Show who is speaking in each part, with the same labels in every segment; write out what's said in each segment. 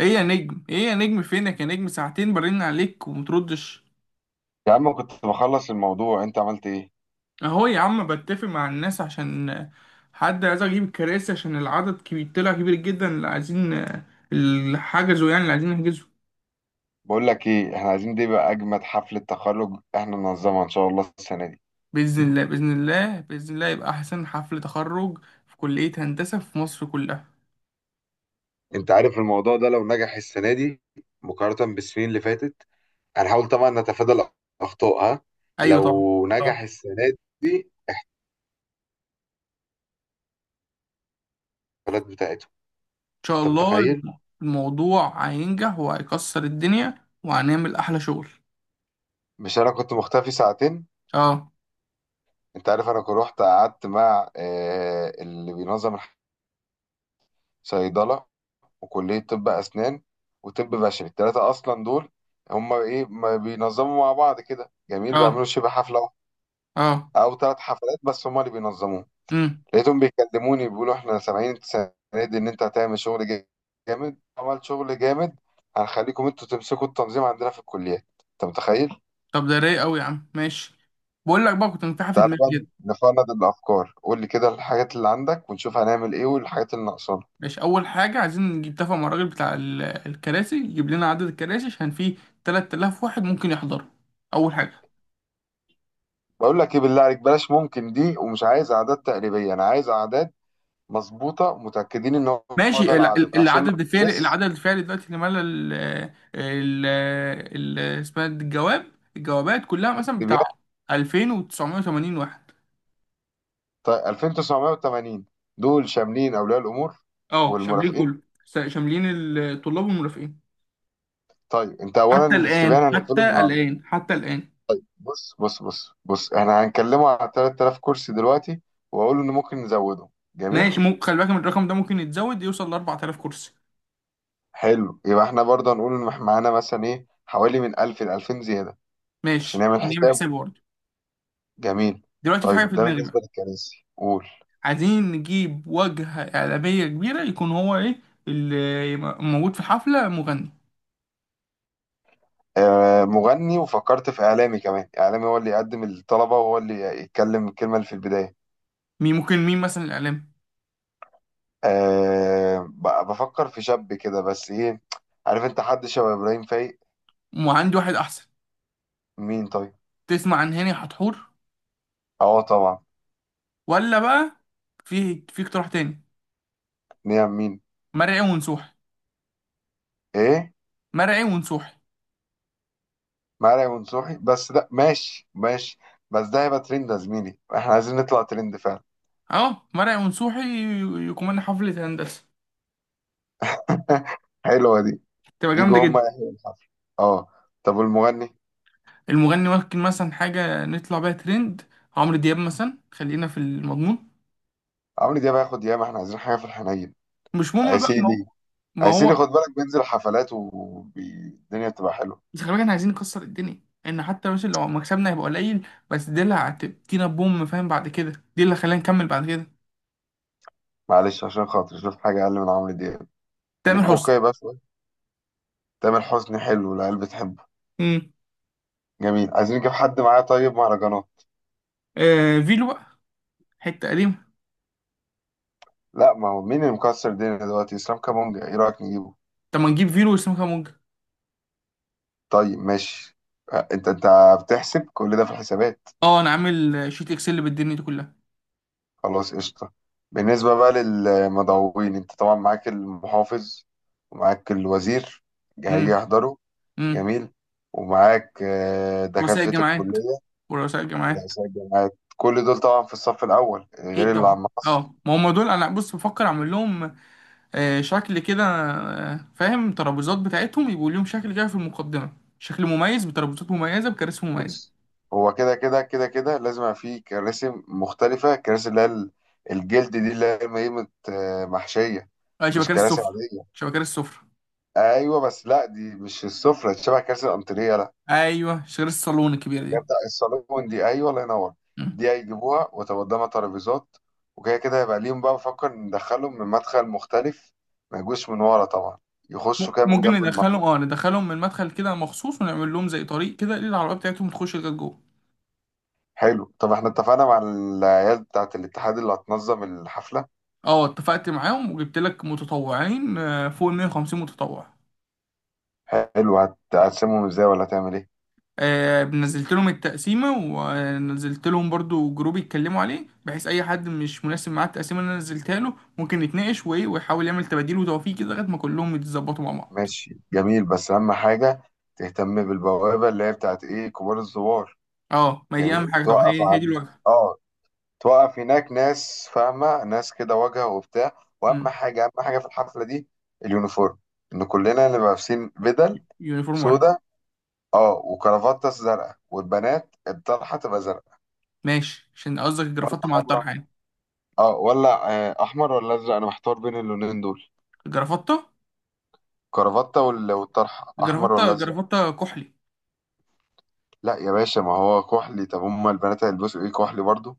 Speaker 1: ايه يا نجم ايه يا نجم فينك يا نجم، ساعتين برن عليك ومتردش.
Speaker 2: يا عم، كنت بخلص الموضوع. انت عملت ايه؟
Speaker 1: اهو يا عم بتفق مع الناس عشان حد عايز اجيب الكراسي، عشان العدد كبير، طلع كبير جدا اللي عايزين، اللي حجزوا يعني اللي عايزين نحجزه.
Speaker 2: بقول لك ايه، احنا عايزين دي بقى اجمد حفلة تخرج احنا ننظمها ان شاء الله السنة دي.
Speaker 1: باذن الله باذن الله باذن الله يبقى احسن حفل تخرج في كلية هندسة في مصر كلها.
Speaker 2: انت عارف الموضوع ده لو نجح السنة دي مقارنة بالسنين اللي فاتت، هنحاول طبعا نتفادى الاخطاء. ها،
Speaker 1: ايوه طبعا.
Speaker 2: لو
Speaker 1: آه. ان
Speaker 2: نجح السنة دي البلد بتاعتهم،
Speaker 1: شاء
Speaker 2: انت
Speaker 1: الله
Speaker 2: متخيل؟
Speaker 1: الموضوع هينجح وهيكسر الدنيا وهنعمل احلى شغل.
Speaker 2: مش انا كنت مختفي ساعتين.
Speaker 1: اه.
Speaker 2: انت عارف انا كنت رحت قعدت مع اللي بينظم الصيدلة وكلية طب أسنان وطب بشري. التلاتة أصلا دول هما إيه؟ ما بينظموا مع بعض كده، جميل. بيعملوا
Speaker 1: اه.
Speaker 2: شبه حفلة واحدة
Speaker 1: اه.
Speaker 2: أو تلات حفلات، بس هما اللي بينظموه.
Speaker 1: امم
Speaker 2: لقيتهم بيكلموني بيقولوا إحنا سامعين السنة دي إن أنت هتعمل شغل جامد. عمل شغل جامد، هنخليكم أنتوا تمسكوا التنظيم عندنا في الكليات. أنت متخيل؟
Speaker 1: طب ده رايق قوي يا عم، ماشي. بقول لك بقى كنت متاحة في
Speaker 2: تعالى
Speaker 1: دماغي
Speaker 2: بقى
Speaker 1: كده.
Speaker 2: نفند الأفكار. قول لي كده الحاجات اللي عندك ونشوف هنعمل إيه، والحاجات اللي ناقصانا.
Speaker 1: ماشي، اول حاجه عايزين نجيب، تفق مع الراجل بتاع الكراسي، يجيب لنا عدد الكراسي عشان فيه 3000 واحد ممكن يحضروا. اول حاجه.
Speaker 2: بقول لك إيه، بالله عليك بلاش ممكن دي. ومش عايز أعداد تقريبية، أنا عايز أعداد مظبوطة متأكدين إن هو ده
Speaker 1: ماشي،
Speaker 2: العدد عشان ما.
Speaker 1: العدد الفعلي،
Speaker 2: بس.
Speaker 1: العدد الفعلي دلوقتي اللي مال اسمها دي الجواب. الجوابات كلها مثلا
Speaker 2: تبيان.
Speaker 1: بتاع 2980 واحد.
Speaker 2: طيب 2980 دول شاملين أولياء الأمور
Speaker 1: اه شاملين
Speaker 2: والمرافقين؟
Speaker 1: كله، شاملين الطلاب والمرافقين.
Speaker 2: طيب أنت أولا
Speaker 1: حتى الان
Speaker 2: الاستبيان هنقفله
Speaker 1: حتى
Speaker 2: النهاردة.
Speaker 1: الان حتى الان.
Speaker 2: بص بص بص بص، إحنا هنكلمه على 3000 كرسي دلوقتي وأقول إن ممكن نزوده. جميل.
Speaker 1: ماشي، ممكن خلي بالك من الرقم ده، ممكن يتزود يوصل ل 4000 كرسي.
Speaker 2: حلو، يبقى إحنا برضه هنقول إن إحنا معانا مثلا إيه حوالي من 1000 ل 2000 زيادة عشان
Speaker 1: ماشي
Speaker 2: نعمل
Speaker 1: نعمل
Speaker 2: حسابه.
Speaker 1: حساب برضه.
Speaker 2: جميل.
Speaker 1: دلوقتي في حاجه
Speaker 2: طيب
Speaker 1: في
Speaker 2: ده
Speaker 1: دماغي بقى.
Speaker 2: بالنسبة للكراسي، قول.
Speaker 1: عايزين نجيب واجهه اعلاميه كبيره، يكون هو ايه اللي يبقى موجود في الحفله، مغني.
Speaker 2: مغني، وفكرت في إعلامي كمان، إعلامي هو اللي يقدم الطلبة وهو اللي يتكلم الكلمة اللي في البداية.
Speaker 1: مين ممكن، مين مثلا الاعلام.
Speaker 2: أه، بفكر في شاب كده بس إيه، عارف، أنت حد شبه إبراهيم فايق.
Speaker 1: وعندي واحد احسن.
Speaker 2: مين طيب؟
Speaker 1: تسمع عن هاني حتحور؟
Speaker 2: أه طبعا.
Speaker 1: ولا بقى في اقتراح تاني.
Speaker 2: نعم مين؟
Speaker 1: مرعي ونسوحي.
Speaker 2: إيه؟
Speaker 1: مرعي ونسوحي.
Speaker 2: مرعي منصوحي بس ده ماشي ماشي. بس ده هيبقى ترند يا زميلي، إحنا عايزين نطلع ترند فعلا.
Speaker 1: اه مرعي ونسوحي يكون حفله هندسه،
Speaker 2: حلوة دي.
Speaker 1: تبقى جامده
Speaker 2: يجوا هما
Speaker 1: جدا.
Speaker 2: يحيوا الحفل. أه. طب والمغني؟
Speaker 1: المغني ممكن مثلا حاجة نطلع بيها ترند، عمرو دياب مثلا، خلينا في المضمون.
Speaker 2: عمرو دياب هياخد ياما، إحنا عايزين حاجة في الحنين.
Speaker 1: مش مهم بقى، ما هو.
Speaker 2: عسيلي.
Speaker 1: ما
Speaker 2: هيسيري،
Speaker 1: هو
Speaker 2: خد بالك بينزل حفلات والدنيا بتبقى حلوه.
Speaker 1: بس خلي بالك احنا عايزين نكسر الدنيا، ان حتى مثلا لو مكسبنا هيبقى قليل، بس دي اللي هتدينا بوم، فاهم، بعد كده دي اللي هتخلينا نكمل بعد كده.
Speaker 2: معلش عشان خاطر، شوف حاجه اقل من عمرو دياب.
Speaker 1: تامر
Speaker 2: خليك
Speaker 1: حسني.
Speaker 2: واقعي بقى شويه. تامر حسني حلو والعيال بتحبه.
Speaker 1: امم
Speaker 2: جميل، عايزين نجيب حد معاه طيب مهرجانات.
Speaker 1: آه فيلو بقى، حتة قديمة.
Speaker 2: لا ما هو مين اللي مكسر الدنيا دلوقتي؟ اسلام كابونجا، ايه رايك نجيبه؟
Speaker 1: طب ما نجيب فيلو وسام كامونج.
Speaker 2: طيب ماشي. انت بتحسب كل ده في الحسابات.
Speaker 1: اه انا عامل شيت اكسل بالدنيا دي كلها.
Speaker 2: خلاص قشطه. بالنسبه بقى للمدعوين، انت طبعا معاك المحافظ ومعاك الوزير، هيجي
Speaker 1: امم.
Speaker 2: يحضروا.
Speaker 1: امم.
Speaker 2: جميل. ومعاك
Speaker 1: رؤساء
Speaker 2: دكاتره
Speaker 1: الجامعات.
Speaker 2: الكليه.
Speaker 1: ورؤساء الجامعات.
Speaker 2: رئاسي الجامعات، كل دول طبعا في الصف الاول
Speaker 1: اكيد
Speaker 2: غير اللي
Speaker 1: طبعا.
Speaker 2: عم مصر.
Speaker 1: اه ما هم دول انا بص بفكر اعمل لهم شكل كده، فاهم، ترابيزات بتاعتهم يبقوا ليهم شكل كده في المقدمة، شكل مميز بترابيزات مميزة بكراسي مميزة.
Speaker 2: بص، هو كده كده لازم يبقى فيه كراسي مختلفه. كراسي اللي هي الجلد دي اللي هي قيمه، محشيه،
Speaker 1: آه
Speaker 2: مش
Speaker 1: شبكات
Speaker 2: كراسي
Speaker 1: السفرة.
Speaker 2: عاديه.
Speaker 1: شبكات السفرة.
Speaker 2: ايوه بس لا، دي مش السفره، دي شبه كراسي الانتريه، لا.
Speaker 1: أيوه شبكات الصالون الكبيرة
Speaker 2: ده
Speaker 1: دي.
Speaker 2: بتاع الصالون دي، ايوه، الله ينور.
Speaker 1: مم.
Speaker 2: دي هيجيبوها وتبقى قدامها ترابيزات. وكده كده هيبقى ليهم بقى. بفكر ندخلهم من مدخل مختلف، ما يجوش من ورا طبعا، يخشوا كده من
Speaker 1: ممكن
Speaker 2: جنب.
Speaker 1: ندخلهم، اه ندخلهم من المدخل كده مخصوص، ونعمل لهم زي طريق كده للعربية بتاعتهم تخش لغاية جوه.
Speaker 2: حلو. طب احنا اتفقنا مع العيال بتاعة الاتحاد اللي هتنظم الحفلة.
Speaker 1: اه اتفقت معاهم وجبت لك متطوعين فوق ال 150 متطوع.
Speaker 2: حلو، هتقسمهم ازاي ولا هتعمل ايه؟
Speaker 1: نزلت لهم التقسيمة ونزلت لهم برضو جروب يتكلموا عليه، بحيث أي حد مش مناسب معاه التقسيمة اللي أنا نزلتها له ممكن يتناقش وإيه، ويحاول يعمل تباديل وتوفيق كده لغاية ما كلهم يتظبطوا مع بعض.
Speaker 2: ماشي، جميل. بس اهم حاجة تهتم بالبوابة اللي هي بتاعة ايه، كبار الزوار.
Speaker 1: أه ما هي دي أهم
Speaker 2: جميل،
Speaker 1: حاجة طبعا،
Speaker 2: توقف
Speaker 1: هي دي
Speaker 2: عن،
Speaker 1: الواجهة.
Speaker 2: اه، توقف. هناك ناس فاهمة، ناس كده واجهة وبتاع. واهم
Speaker 1: أمم،
Speaker 2: حاجة، اهم حاجة في الحفلة دي اليونيفورم، ان كلنا نبقى لابسين بدل
Speaker 1: يونيفورم واحد.
Speaker 2: سودا. اه، وكرافتة زرقاء، والبنات الطرحة تبقى زرقاء،
Speaker 1: ماشي، عشان قصدك
Speaker 2: ولا
Speaker 1: الجرافطة مع الطرحة
Speaker 2: حمراء؟
Speaker 1: يعني.
Speaker 2: اه، ولا احمر ولا ازرق، انا محتار بين اللونين دول.
Speaker 1: الجرافطة
Speaker 2: كرافته والطرحه، احمر ولا ازرق؟
Speaker 1: الجرافطة كحلي.
Speaker 2: لا يا باشا، ما هو كحلي. طب هما البنات هيلبسوا ايه، كحلي برضو؟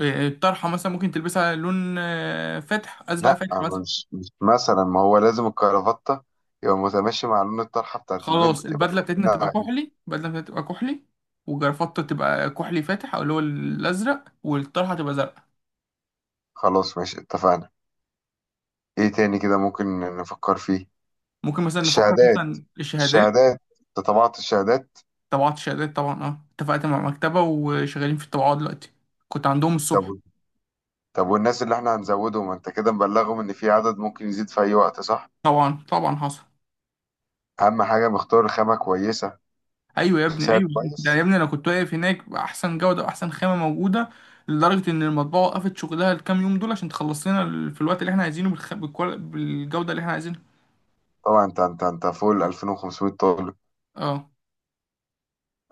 Speaker 1: الطرحة مثلا ممكن تلبسها لون فاتح، أزرق
Speaker 2: لا
Speaker 1: فاتح مثلا.
Speaker 2: مش مثلا، ما هو لازم الكرافته يبقى متماشي مع لون الطرحه بتاعت
Speaker 1: خلاص
Speaker 2: البنت. يبقى
Speaker 1: البدله بتاعتنا تبقى
Speaker 2: كلنا.
Speaker 1: كحلي، البدله بتاعتنا تبقى كحلي، وجرافطة تبقى كحلي فاتح او اللي هو الازرق، والطرحه تبقى زرقاء.
Speaker 2: خلاص ماشي، اتفقنا. ايه تاني كده ممكن نفكر فيه؟
Speaker 1: ممكن مثلا نفكر
Speaker 2: الشهادات.
Speaker 1: مثلا الشهادات.
Speaker 2: الشهادات، انت طبعت الشهادات؟
Speaker 1: طبعات الشهادات طبعا، اه اتفقت مع مكتبه وشغالين في الطباعه دلوقتي. كنت عندهم الصبح.
Speaker 2: طب، طب والناس اللي احنا هنزودهم، انت كده مبلغهم ان في عدد ممكن يزيد في اي وقت صح؟
Speaker 1: طبعا طبعا حصل.
Speaker 2: اهم حاجه مختار خامه كويسه
Speaker 1: ايوه يا ابني
Speaker 2: بسعر
Speaker 1: ايوه. ده يا
Speaker 2: كويس.
Speaker 1: ابني انا كنت واقف هناك باحسن جوده واحسن خامه موجوده، لدرجه ان المطبعه وقفت شغلها الكام يوم دول عشان تخلص لنا في الوقت اللي احنا عايزينه بالجوده اللي احنا عايزينها.
Speaker 2: طبعا. انت فوق ال 2500 طالب.
Speaker 1: اه.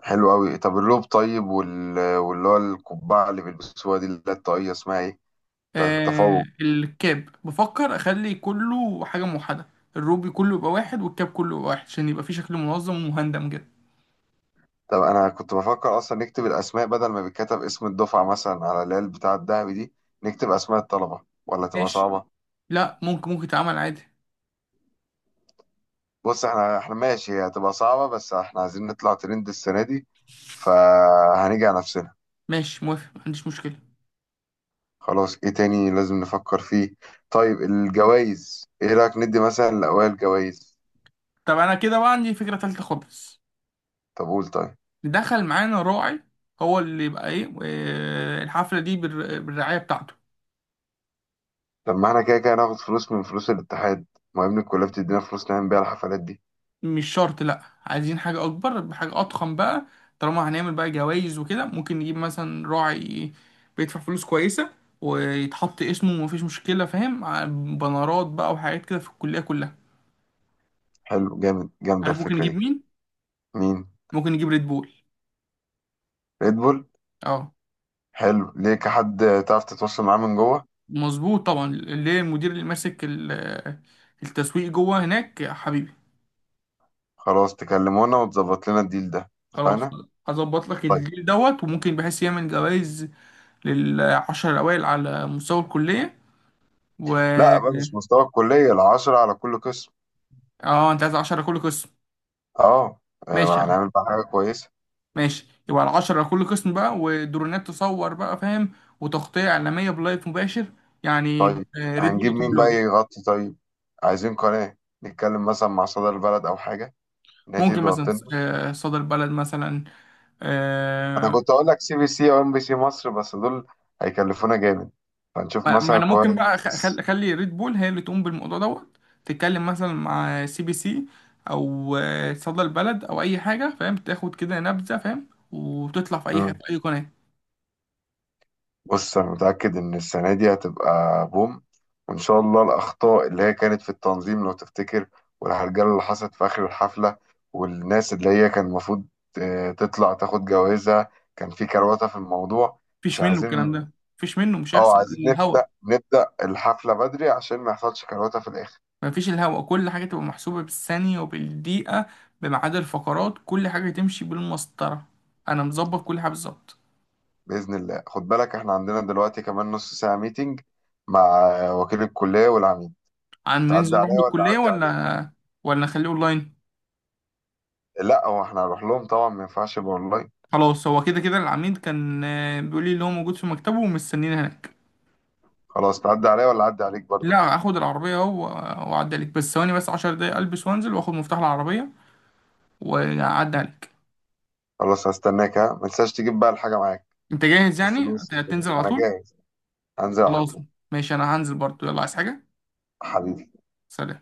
Speaker 2: حلو قوي. طب الروب، طيب، واللي هو القبعه اللي بيلبسوها دي اللي هي الطاقيه، اسمها ايه، بتاعت
Speaker 1: آه
Speaker 2: التفوق.
Speaker 1: الكاب بفكر اخلي كله حاجه موحده، الروبي كله يبقى واحد، والكاب كله يبقى واحد، عشان يبقى فيه شكل منظم ومهندم كده.
Speaker 2: طب انا كنت بفكر اصلا نكتب الاسماء بدل ما بيتكتب اسم الدفعه مثلا على اللي هي البتاع الذهبي دي. نكتب اسماء الطلبه، ولا تبقى
Speaker 1: ماشي.
Speaker 2: صعبه؟
Speaker 1: لا ممكن يتعمل عادي.
Speaker 2: بص، احنا ماشي، هي هتبقى صعبه بس احنا عايزين نطلع ترند السنه دي، فهنيجي على نفسنا.
Speaker 1: ماشي موافق، ما عنديش مشكله.
Speaker 2: خلاص، ايه تاني لازم نفكر فيه؟ طيب الجوائز، ايه رايك ندي مثلا لاوائل جوائز؟
Speaker 1: طب انا كده بقى عندي فكره تالتة خالص.
Speaker 2: طب قول طيب.
Speaker 1: دخل معانا راعي، هو اللي يبقى ايه الحفله دي بالرعايه بتاعته.
Speaker 2: طب ما احنا كده كده هناخد فلوس من فلوس الاتحاد. ما يا ابني الكلية بتدينا فلوس نعمل بيها الحفلات دي.
Speaker 1: مش شرط، لا عايزين حاجة أكبر، بحاجة أضخم بقى. طالما هنعمل بقى جوايز وكده، ممكن نجيب مثلا راعي بيدفع فلوس كويسة، ويتحط اسمه ومفيش مشكلة، فاهم، بنرات بقى وحاجات كده في الكلية كلها.
Speaker 2: حلو، جامد، جامدة
Speaker 1: عارف ممكن
Speaker 2: الفكرة
Speaker 1: نجيب
Speaker 2: دي.
Speaker 1: مين؟
Speaker 2: مين؟
Speaker 1: ممكن نجيب ريد بول.
Speaker 2: ريد بول.
Speaker 1: اه.
Speaker 2: حلو، ليك حد تعرف تتواصل معاه من جوه؟
Speaker 1: مظبوط طبعا اللي هي المدير اللي ماسك التسويق جوه هناك يا حبيبي.
Speaker 2: خلاص، تكلمونا وتظبط لنا الديل ده.
Speaker 1: خلاص.
Speaker 2: اتفقنا.
Speaker 1: هظبط لك
Speaker 2: طيب.
Speaker 1: الديل دوت، وممكن بحيث يعمل جوائز للعشر الأوائل على مستوى الكلية و...
Speaker 2: لا بقى، مش مستوى الكلية، العشرة على كل قسم.
Speaker 1: اه انت عايز 10 كل قسم.
Speaker 2: اه.
Speaker 1: ماشي يعني.
Speaker 2: هنعمل بقى حاجة كويسة.
Speaker 1: ماشي يبقى ال 10 كل قسم بقى، ودرونات تصور بقى فاهم، وتغطية إعلامية بلايف مباشر يعني
Speaker 2: طيب
Speaker 1: ريد بول
Speaker 2: هنجيب
Speaker 1: يطوب
Speaker 2: مين بقى
Speaker 1: الواجب.
Speaker 2: يغطي؟ طيب، عايزين قناة، نتكلم مثلا مع صدى البلد أو حاجة إن هي تيجي
Speaker 1: ممكن مثلا
Speaker 2: تغطي.
Speaker 1: صدر بلد مثلا.
Speaker 2: انا
Speaker 1: آه،
Speaker 2: كنت اقول لك سي بي سي او ام بي سي مصر، بس دول هيكلفونا جامد، فنشوف
Speaker 1: ما
Speaker 2: مثلا
Speaker 1: انا
Speaker 2: القاهره
Speaker 1: ممكن بقى
Speaker 2: والناس.
Speaker 1: اخلي ريد بول هي اللي تقوم بالموضوع دوت، تتكلم مثلا مع سي بي سي او صدر بلد او اي حاجة، فاهم، تاخد كده نبذة، فاهم، وتطلع في اي حاجة
Speaker 2: مم.
Speaker 1: في اي قناة.
Speaker 2: بص، انا متاكد ان السنه دي هتبقى بوم. وان شاء الله الاخطاء اللي هي كانت في التنظيم لو تفتكر، والهرجله اللي حصلت في اخر الحفله، والناس اللي هي كان المفروض تطلع تاخد جوازها، كان في كروته في الموضوع، مش
Speaker 1: مفيش منه الكلام
Speaker 2: عايزين.
Speaker 1: ده. مفيش منه، مش
Speaker 2: اه،
Speaker 1: هيحصل
Speaker 2: عايزين
Speaker 1: الهوا.
Speaker 2: نبدا الحفله بدري عشان ما يحصلش كروته في الاخر.
Speaker 1: مفيش الهوا، كل حاجة تبقى محسوبة بالثانية وبالدقيقة، بميعاد الفقرات، كل حاجة تمشي بالمسطرة. أنا مظبط كل حاجة بالظبط.
Speaker 2: بإذن الله. خد بالك احنا عندنا دلوقتي كمان نص ساعة ميتنج مع وكيل الكلية والعميد.
Speaker 1: عن
Speaker 2: تعدي
Speaker 1: ننزل نروح
Speaker 2: عليا ولا
Speaker 1: للكلية
Speaker 2: أعدي عليك؟
Speaker 1: ولا؟ ولا نخليه أونلاين.
Speaker 2: لا هو احنا هنروح لهم طبعا، ما ينفعش يبقى اونلاين.
Speaker 1: خلاص هو كده كده العميد كان بيقول لي اللي هو موجود في مكتبه ومستنيني هناك.
Speaker 2: خلاص، تعدي عليا ولا أعدي عليك برضه؟
Speaker 1: لا هاخد العربية أهو و... وأعدي عليك، بس ثواني، بس 10 دقايق ألبس وأنزل وآخد مفتاح العربية وأعدي عليك.
Speaker 2: خلاص، هستناك. ها، ما تنساش تجيب بقى الحاجة معاك،
Speaker 1: أنت جاهز يعني
Speaker 2: الفلوس وكده.
Speaker 1: هتنزل على
Speaker 2: أنا
Speaker 1: طول؟
Speaker 2: جاهز، هنزل على
Speaker 1: خلاص
Speaker 2: طول.
Speaker 1: ماشي، أنا هنزل برضه يلا، عايز حاجة؟
Speaker 2: حبيبي.
Speaker 1: سلام.